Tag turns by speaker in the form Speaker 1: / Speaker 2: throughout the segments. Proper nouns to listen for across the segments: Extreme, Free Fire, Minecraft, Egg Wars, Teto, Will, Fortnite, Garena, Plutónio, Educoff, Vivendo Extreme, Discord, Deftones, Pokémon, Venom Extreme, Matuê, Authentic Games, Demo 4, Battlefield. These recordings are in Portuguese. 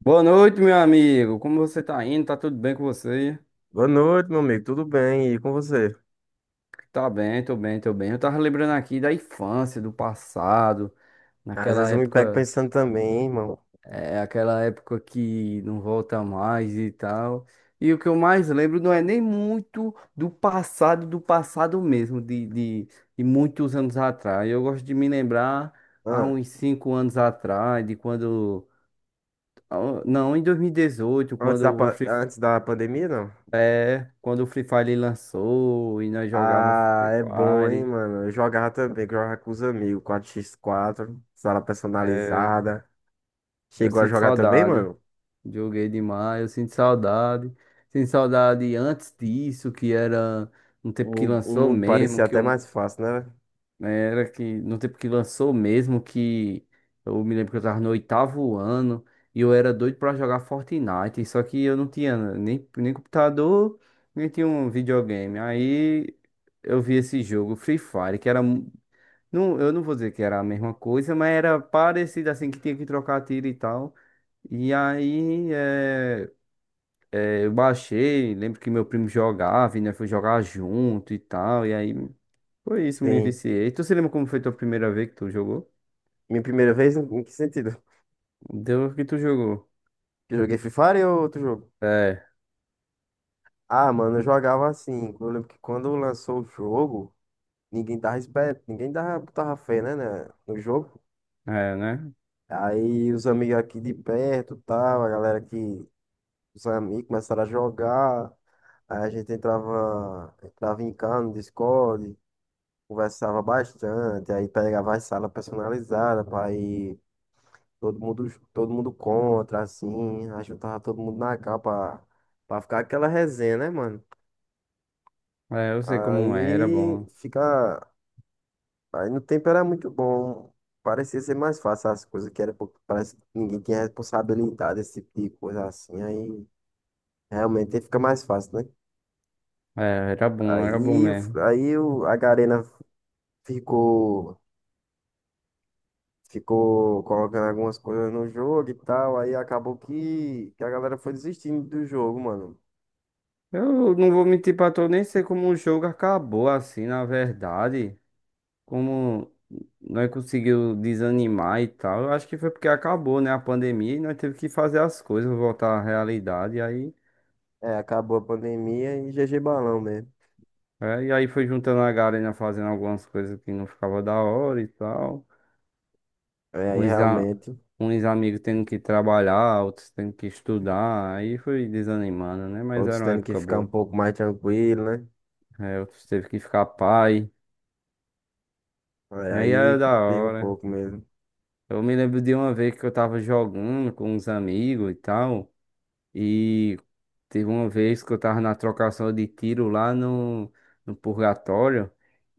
Speaker 1: Boa noite, meu amigo. Como você tá indo? Tá tudo bem com você?
Speaker 2: Boa noite, meu amigo. Tudo bem? E com você?
Speaker 1: Tá bem, tô bem, tô bem. Eu tava lembrando aqui da infância, do passado,
Speaker 2: Às
Speaker 1: naquela
Speaker 2: vezes eu me pego
Speaker 1: época,
Speaker 2: pensando também, irmão.
Speaker 1: aquela época que não volta mais e tal. E o que eu mais lembro não é nem muito do passado mesmo, de muitos anos atrás. Eu gosto de me lembrar há
Speaker 2: Ah,
Speaker 1: uns 5 anos atrás, de quando. Ah, não, em 2018,
Speaker 2: antes da,
Speaker 1: quando
Speaker 2: pa-
Speaker 1: você.
Speaker 2: antes da pandemia, não?
Speaker 1: É, quando o Free Fire lançou e nós jogava
Speaker 2: Ah,
Speaker 1: Free
Speaker 2: é bom, hein,
Speaker 1: Fire,
Speaker 2: mano? Eu jogava também, que eu jogava com os amigos, 4x4, sala
Speaker 1: é,
Speaker 2: personalizada.
Speaker 1: eu
Speaker 2: Chegou a
Speaker 1: sinto
Speaker 2: jogar também,
Speaker 1: saudade.
Speaker 2: mano?
Speaker 1: Joguei demais, eu sinto saudade. Sinto saudade antes disso, que era no tempo que
Speaker 2: O
Speaker 1: lançou
Speaker 2: mundo
Speaker 1: mesmo,
Speaker 2: parecia
Speaker 1: que
Speaker 2: até
Speaker 1: eu
Speaker 2: mais fácil, né?
Speaker 1: era que no tempo que lançou mesmo, que eu me lembro que eu tava no oitavo ano e eu era doido pra jogar Fortnite, só que eu não tinha nem computador, nem tinha um videogame. Aí eu vi esse jogo, Free Fire, não, eu não vou dizer que era a mesma coisa, mas era parecido assim, que tinha que trocar tiro e tal. E aí eu baixei, lembro que meu primo jogava, e nós foi jogar junto e tal. E aí foi isso, me
Speaker 2: Sim.
Speaker 1: viciei. Tu se lembra como foi tua primeira vez que tu jogou?
Speaker 2: Minha primeira vez, em que sentido?
Speaker 1: Deu que tu jogou.
Speaker 2: Que eu joguei Free Fire ou outro jogo?
Speaker 1: É,
Speaker 2: Ah, mano, eu jogava assim. Eu lembro que quando lançou o jogo, ninguém dava esperto, ninguém dava, botava fé, né, no jogo.
Speaker 1: é, né?
Speaker 2: Aí os amigos aqui de perto, tal, a galera que os amigos começaram a jogar. Aí a gente entrava em casa no Discord, conversava bastante, aí pegava as salas personalizadas para ir todo mundo contra, assim, aí juntava todo mundo na capa para ficar aquela resenha, né, mano?
Speaker 1: É, eu sei como é, era
Speaker 2: Aí
Speaker 1: bom.
Speaker 2: fica. Aí no tempo era muito bom. Parecia ser mais fácil as coisas, que era porque parece que ninguém tinha responsabilidade, esse tipo de coisa assim. Aí realmente fica mais fácil, né?
Speaker 1: É, era bom
Speaker 2: Aí,
Speaker 1: mesmo.
Speaker 2: a Garena ficou, ficou colocando algumas coisas no jogo e tal. Aí acabou que a galera foi desistindo do jogo, mano.
Speaker 1: Eu não vou mentir pra tu, eu nem sei como o jogo acabou assim, na verdade. Como nós conseguiu desanimar e tal, eu acho que foi porque acabou, né, a pandemia e nós teve que fazer as coisas, voltar à realidade, e aí,
Speaker 2: É, acabou a pandemia e GG Balão mesmo.
Speaker 1: e aí foi juntando a galera fazendo algumas coisas que não ficava da hora e tal,
Speaker 2: É, aí
Speaker 1: uns, a-
Speaker 2: realmente,
Speaker 1: uns amigos tendo que trabalhar, outros tendo que estudar, aí foi desanimando, né, mas
Speaker 2: outros
Speaker 1: era uma
Speaker 2: tendo que
Speaker 1: época
Speaker 2: ficar um
Speaker 1: boa,
Speaker 2: pouco mais tranquilo, né?
Speaker 1: é, outros teve que ficar pai,
Speaker 2: É,
Speaker 1: e aí era
Speaker 2: aí
Speaker 1: da
Speaker 2: complica um
Speaker 1: hora.
Speaker 2: pouco mesmo.
Speaker 1: Eu me lembro de uma vez que eu tava jogando com uns amigos e tal. E teve uma vez que eu tava na trocação de tiro lá no purgatório.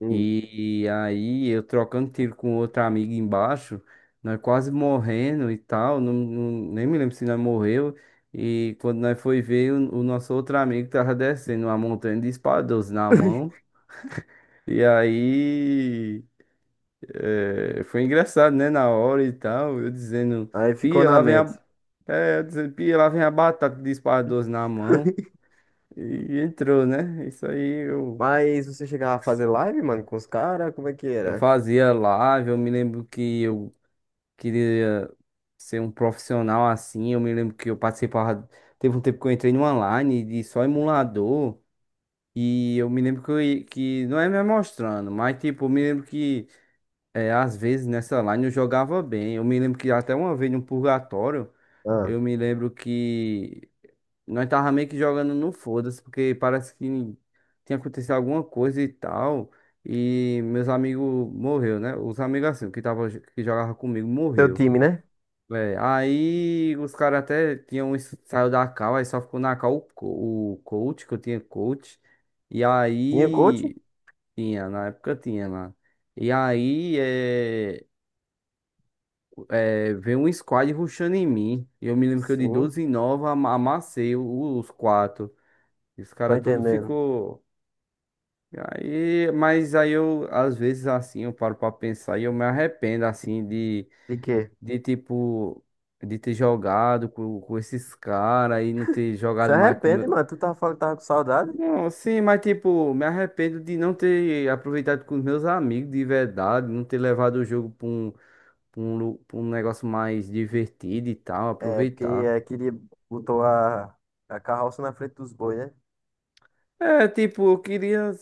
Speaker 2: Hum.
Speaker 1: E aí eu trocando tiro com outra amiga embaixo, nós quase morrendo e tal, não, não- nem me lembro se nós morreu. E quando nós foi ver, o nosso outro amigo tava descendo uma montanha de espada 12 na mão. E aí foi engraçado, né? Na hora e tal, eu dizendo,
Speaker 2: Aí ficou
Speaker 1: pia,
Speaker 2: na
Speaker 1: lá vem
Speaker 2: mente.
Speaker 1: a. É, eu dizendo, pia, lá vem a batata de espada 12 na mão. E entrou, né? Isso aí
Speaker 2: Mas você chegava a fazer live, mano, com os caras? Como é que
Speaker 1: eu
Speaker 2: era?
Speaker 1: fazia live, eu me lembro que eu queria ser um profissional assim, eu me lembro que eu participava, teve um tempo que eu entrei numa line de só emulador, e eu me lembro que, que não é me mostrando, mas tipo, eu me lembro que às vezes nessa line eu jogava bem, eu me lembro que até uma vez no purgatório,
Speaker 2: Ah,
Speaker 1: eu me lembro que nós tava meio que jogando no foda-se, porque parece que tinha acontecido alguma coisa e tal. E meus amigos morreu, né? Os amigos assim, que tava, que jogava comigo,
Speaker 2: teu
Speaker 1: morreu.
Speaker 2: time, né?
Speaker 1: É, aí os caras até tinham isso- saiu da cal, aí só ficou na cal o coach, que eu tinha coach. E
Speaker 2: Tinha coach?
Speaker 1: aí tinha, na época tinha lá. E aí veio um squad rushando em mim. E eu me lembro que eu de
Speaker 2: Sim,
Speaker 1: 12 e 9 amassei os quatro. E os
Speaker 2: tô
Speaker 1: caras tudo
Speaker 2: entendendo.
Speaker 1: ficou. E aí, mas aí eu, às vezes, assim, eu paro pra pensar e eu me arrependo, assim,
Speaker 2: De quê?
Speaker 1: de tipo, de ter jogado com esses caras e não ter
Speaker 2: Se
Speaker 1: jogado mais com
Speaker 2: arrepende,
Speaker 1: meu...
Speaker 2: mano. Tu tava falando que tava com saudade?
Speaker 1: Não, sim, mas tipo, me arrependo de não ter aproveitado com os meus amigos de verdade, não ter levado o jogo pra um, pra um negócio mais divertido e tal,
Speaker 2: É, porque
Speaker 1: aproveitar.
Speaker 2: é, queria, botou a carroça na frente dos bois, né?
Speaker 1: É, tipo, eu queria,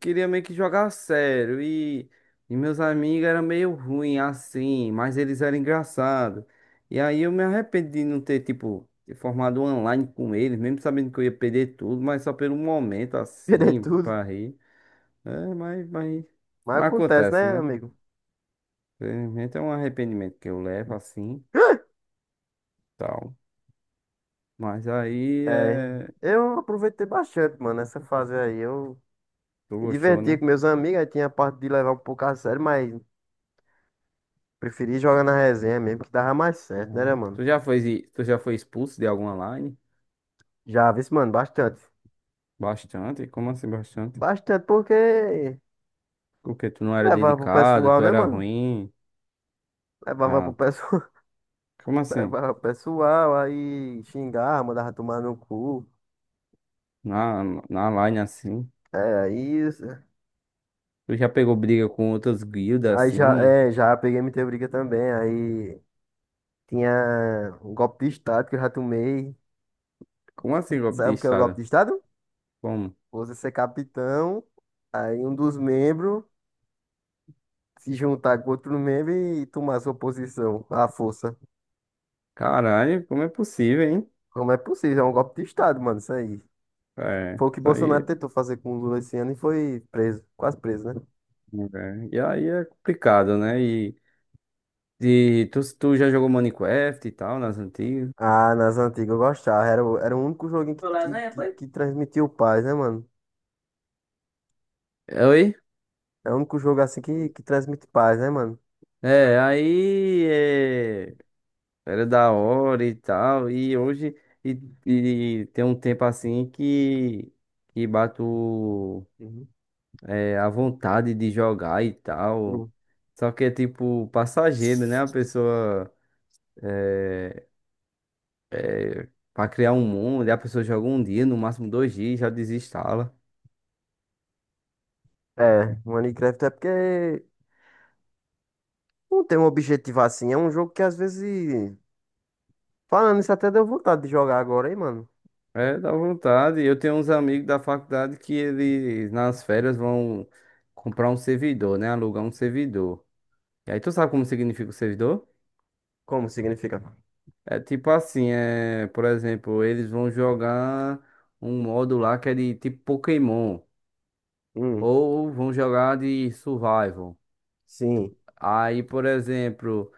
Speaker 1: queria meio que jogar a sério. E meus amigos eram meio ruim assim, mas eles eram engraçados. E aí eu me arrependi de não ter, tipo, ter formado um online com eles, mesmo sabendo que eu ia perder tudo, mas só pelo momento
Speaker 2: Perder
Speaker 1: assim,
Speaker 2: tudo.
Speaker 1: pra rir. É,
Speaker 2: Mas
Speaker 1: mas
Speaker 2: acontece,
Speaker 1: acontece,
Speaker 2: né,
Speaker 1: né?
Speaker 2: amigo?
Speaker 1: Infelizmente é um arrependimento que eu levo assim, tal. Mas aí
Speaker 2: É,
Speaker 1: é.
Speaker 2: eu aproveitei bastante, mano, essa fase aí. Eu
Speaker 1: Tu
Speaker 2: me
Speaker 1: gostou,
Speaker 2: divertia
Speaker 1: né?
Speaker 2: com meus amigos, aí tinha a parte de levar um pouco a sério, mas preferi jogar na resenha mesmo, que dava mais
Speaker 1: Ah.
Speaker 2: certo, né, mano?
Speaker 1: Tu já foi expulso de algum online?
Speaker 2: Já vi, mano, bastante.
Speaker 1: Bastante? Como assim bastante?
Speaker 2: Bastante porque
Speaker 1: Porque tu não era
Speaker 2: levava pro
Speaker 1: dedicado, tu
Speaker 2: pessoal, né,
Speaker 1: era
Speaker 2: mano?
Speaker 1: ruim.
Speaker 2: Levava pro
Speaker 1: Ah,
Speaker 2: pessoal,
Speaker 1: como assim?
Speaker 2: levava pro pessoal, aí xingava, mandava tomar no cu.
Speaker 1: Na, na line assim?
Speaker 2: É, aí,
Speaker 1: Tu já pegou briga com outras guildas
Speaker 2: aí já,
Speaker 1: assim?
Speaker 2: é, já peguei muita briga também. Aí tinha um golpe de estado que eu já tomei.
Speaker 1: Como assim golpe
Speaker 2: Sabe
Speaker 1: de
Speaker 2: o que é o golpe
Speaker 1: estado?
Speaker 2: de estado?
Speaker 1: Como?
Speaker 2: Você ser capitão, aí um dos membros se juntar com outro membro e tomar sua posição, à força.
Speaker 1: Caralho, como é possível, hein?
Speaker 2: Como é possível? É um golpe de Estado, mano, isso aí.
Speaker 1: É,
Speaker 2: Foi o que
Speaker 1: isso
Speaker 2: Bolsonaro
Speaker 1: aí.
Speaker 2: tentou fazer com o Lula esse ano e foi preso, quase preso, né?
Speaker 1: E aí é complicado, né? E tu já jogou Minecraft e tal, nas antigas?
Speaker 2: Ah, nas antigas eu gostava. Era, era o único joguinho que,
Speaker 1: Foi
Speaker 2: que,
Speaker 1: lasanha,
Speaker 2: que,
Speaker 1: foi?
Speaker 2: que transmitiu paz, né, mano?
Speaker 1: É, oi?
Speaker 2: É o único jogo assim que,
Speaker 1: Foi.
Speaker 2: que transmite paz, né, mano?
Speaker 1: É, aí. Era da hora e tal. E hoje e, e tem um tempo assim que bato
Speaker 2: Uhum.
Speaker 1: a vontade de jogar e tal.
Speaker 2: Hum.
Speaker 1: Só que é tipo passageiro, né? A pessoa é, para criar um mundo, e a pessoa joga um dia, no máximo 2 dias, já desinstala.
Speaker 2: É, Minecraft é porque não tem um objetivo assim. É um jogo que às vezes. Falando isso, até deu vontade de jogar agora, hein, mano? É.
Speaker 1: É, dá vontade. Eu tenho uns amigos da faculdade que eles nas férias vão comprar um servidor, né? Alugar um servidor. E aí tu sabe como significa o servidor?
Speaker 2: Como significa?
Speaker 1: É tipo assim, por exemplo, eles vão jogar um modo lá que é de tipo Pokémon,
Speaker 2: Hum,
Speaker 1: ou vão jogar de Survival.
Speaker 2: sim,
Speaker 1: Aí, por exemplo,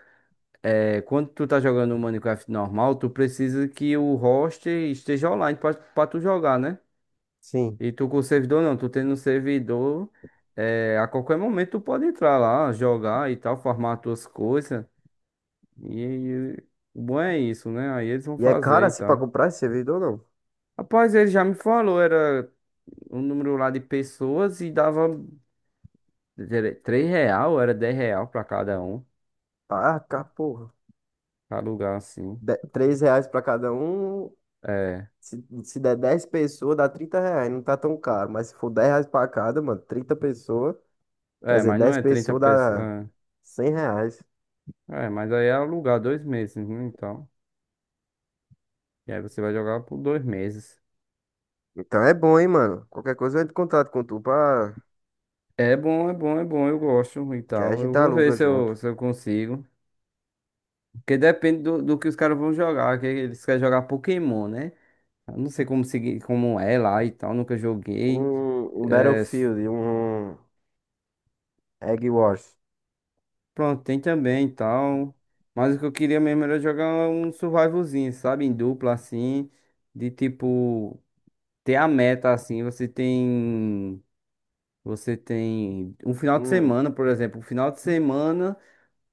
Speaker 1: quando tu tá jogando o Minecraft normal, tu precisa que o host esteja online pra tu jogar, né?
Speaker 2: sim.
Speaker 1: E tu com o servidor não, tu tendo um servidor, a qualquer momento tu pode entrar lá, jogar e tal, farmar as tuas coisas. E, e o bom é isso, né? Aí eles vão
Speaker 2: E é caro
Speaker 1: fazer e
Speaker 2: assim pra
Speaker 1: tal.
Speaker 2: comprar esse servidor, não?
Speaker 1: Rapaz, ele já me falou, era um número lá de pessoas e dava era 3 real, era 10 real pra cada um,
Speaker 2: Ah, cá, porra.
Speaker 1: pra alugar assim.
Speaker 2: De- R$ 3 para cada um.
Speaker 1: É,
Speaker 2: Se der 10 pessoas, dá R$ 30. Não tá tão caro. Mas se for R$ 10 para cada, mano, 30 pessoas. Quer
Speaker 1: é,
Speaker 2: dizer,
Speaker 1: mas não
Speaker 2: 10
Speaker 1: é trinta
Speaker 2: pessoas dá
Speaker 1: pessoas.
Speaker 2: R$ 100.
Speaker 1: É, é, mas aí é alugar 2 meses, né? Então, e aí você vai jogar por 2 meses.
Speaker 2: Então é bom, hein, mano. Qualquer coisa eu entro em contato com tu pra...
Speaker 1: É bom, é bom, é bom, eu gosto e
Speaker 2: que aí a
Speaker 1: tal. Eu
Speaker 2: gente
Speaker 1: vou ver
Speaker 2: aluga
Speaker 1: se
Speaker 2: junto.
Speaker 1: eu, se eu consigo. Porque depende do que os caras vão jogar, que eles querem jogar Pokémon, né? Eu não sei como seguir, como é lá e tal, nunca joguei.
Speaker 2: Um,
Speaker 1: É,
Speaker 2: Battlefield, um Egg Wars.
Speaker 1: pronto, tem também e tal. Mas o que eu queria mesmo era jogar um survivalzinho, sabe? Em dupla, assim. De tipo, ter a meta, assim. Você tem. Você tem um final de
Speaker 2: Hum,
Speaker 1: semana, por exemplo. Um final de semana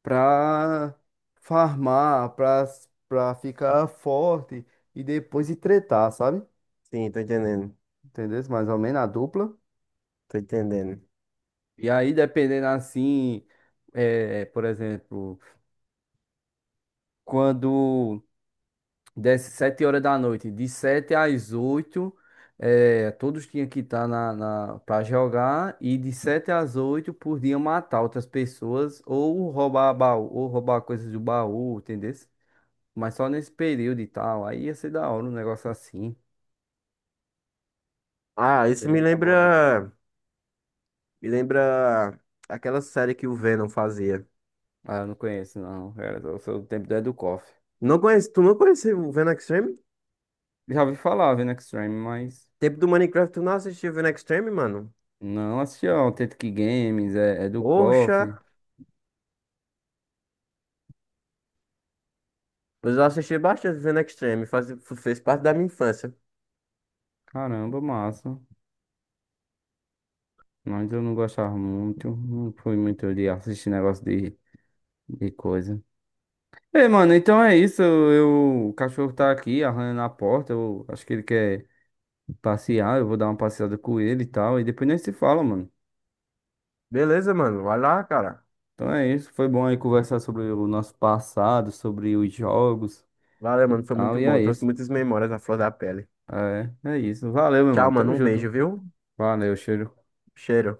Speaker 1: pra farmar, pra ficar forte. E depois ir tretar, sabe?
Speaker 2: sim, tô entendendo.
Speaker 1: Entendeu? Mais ou menos a dupla.
Speaker 2: Tô entendendo.
Speaker 1: E aí, dependendo assim. É, por exemplo, quando. Desce 7 horas da noite, de 7 às 8 todos tinham que estar para jogar, e de 7 às 8 podiam matar outras pessoas, ou roubar baú, ou roubar coisas do baú, entendeu? Mas só nesse período e tal, aí ia ser da hora um negócio assim,
Speaker 2: Ah, isso
Speaker 1: bem
Speaker 2: me
Speaker 1: elaborado.
Speaker 2: lembra. Me lembra aquela série que o Venom fazia.
Speaker 1: Ah, eu não conheço, não, era eu sou do tempo do Educoff.
Speaker 2: Não conhece, tu não conheceu o Venom Extreme?
Speaker 1: Já ouvi falar, vendo Extreme, mas
Speaker 2: Tempo do Minecraft, tu não assistiu Vivendo Extreme, mano?
Speaker 1: não assisti ao Authentic Games, é do
Speaker 2: Poxa,
Speaker 1: Educoff,
Speaker 2: mas eu já assisti bastante Vivendo Extreme, faz, fez parte da minha infância.
Speaker 1: caramba, massa. Mas eu não gostava muito, não fui muito de assistir negócio de coisa. Ei, mano, então é isso. O cachorro tá aqui arranhando a porta. Eu acho que ele quer passear. Eu vou dar uma passeada com ele e tal. E depois nem se fala, mano.
Speaker 2: Beleza, mano. Vai lá, cara.
Speaker 1: Então é isso. Foi bom aí conversar sobre o nosso passado, sobre os jogos
Speaker 2: Valeu,
Speaker 1: e
Speaker 2: mano, foi
Speaker 1: tal.
Speaker 2: muito
Speaker 1: E
Speaker 2: bom,
Speaker 1: é
Speaker 2: trouxe
Speaker 1: isso.
Speaker 2: muitas memórias à flor da pele.
Speaker 1: É, é isso. Valeu, meu
Speaker 2: Tchau,
Speaker 1: mano.
Speaker 2: mano,
Speaker 1: Tamo
Speaker 2: um beijo,
Speaker 1: junto.
Speaker 2: viu?
Speaker 1: Valeu, cheiro.
Speaker 2: Cheiro.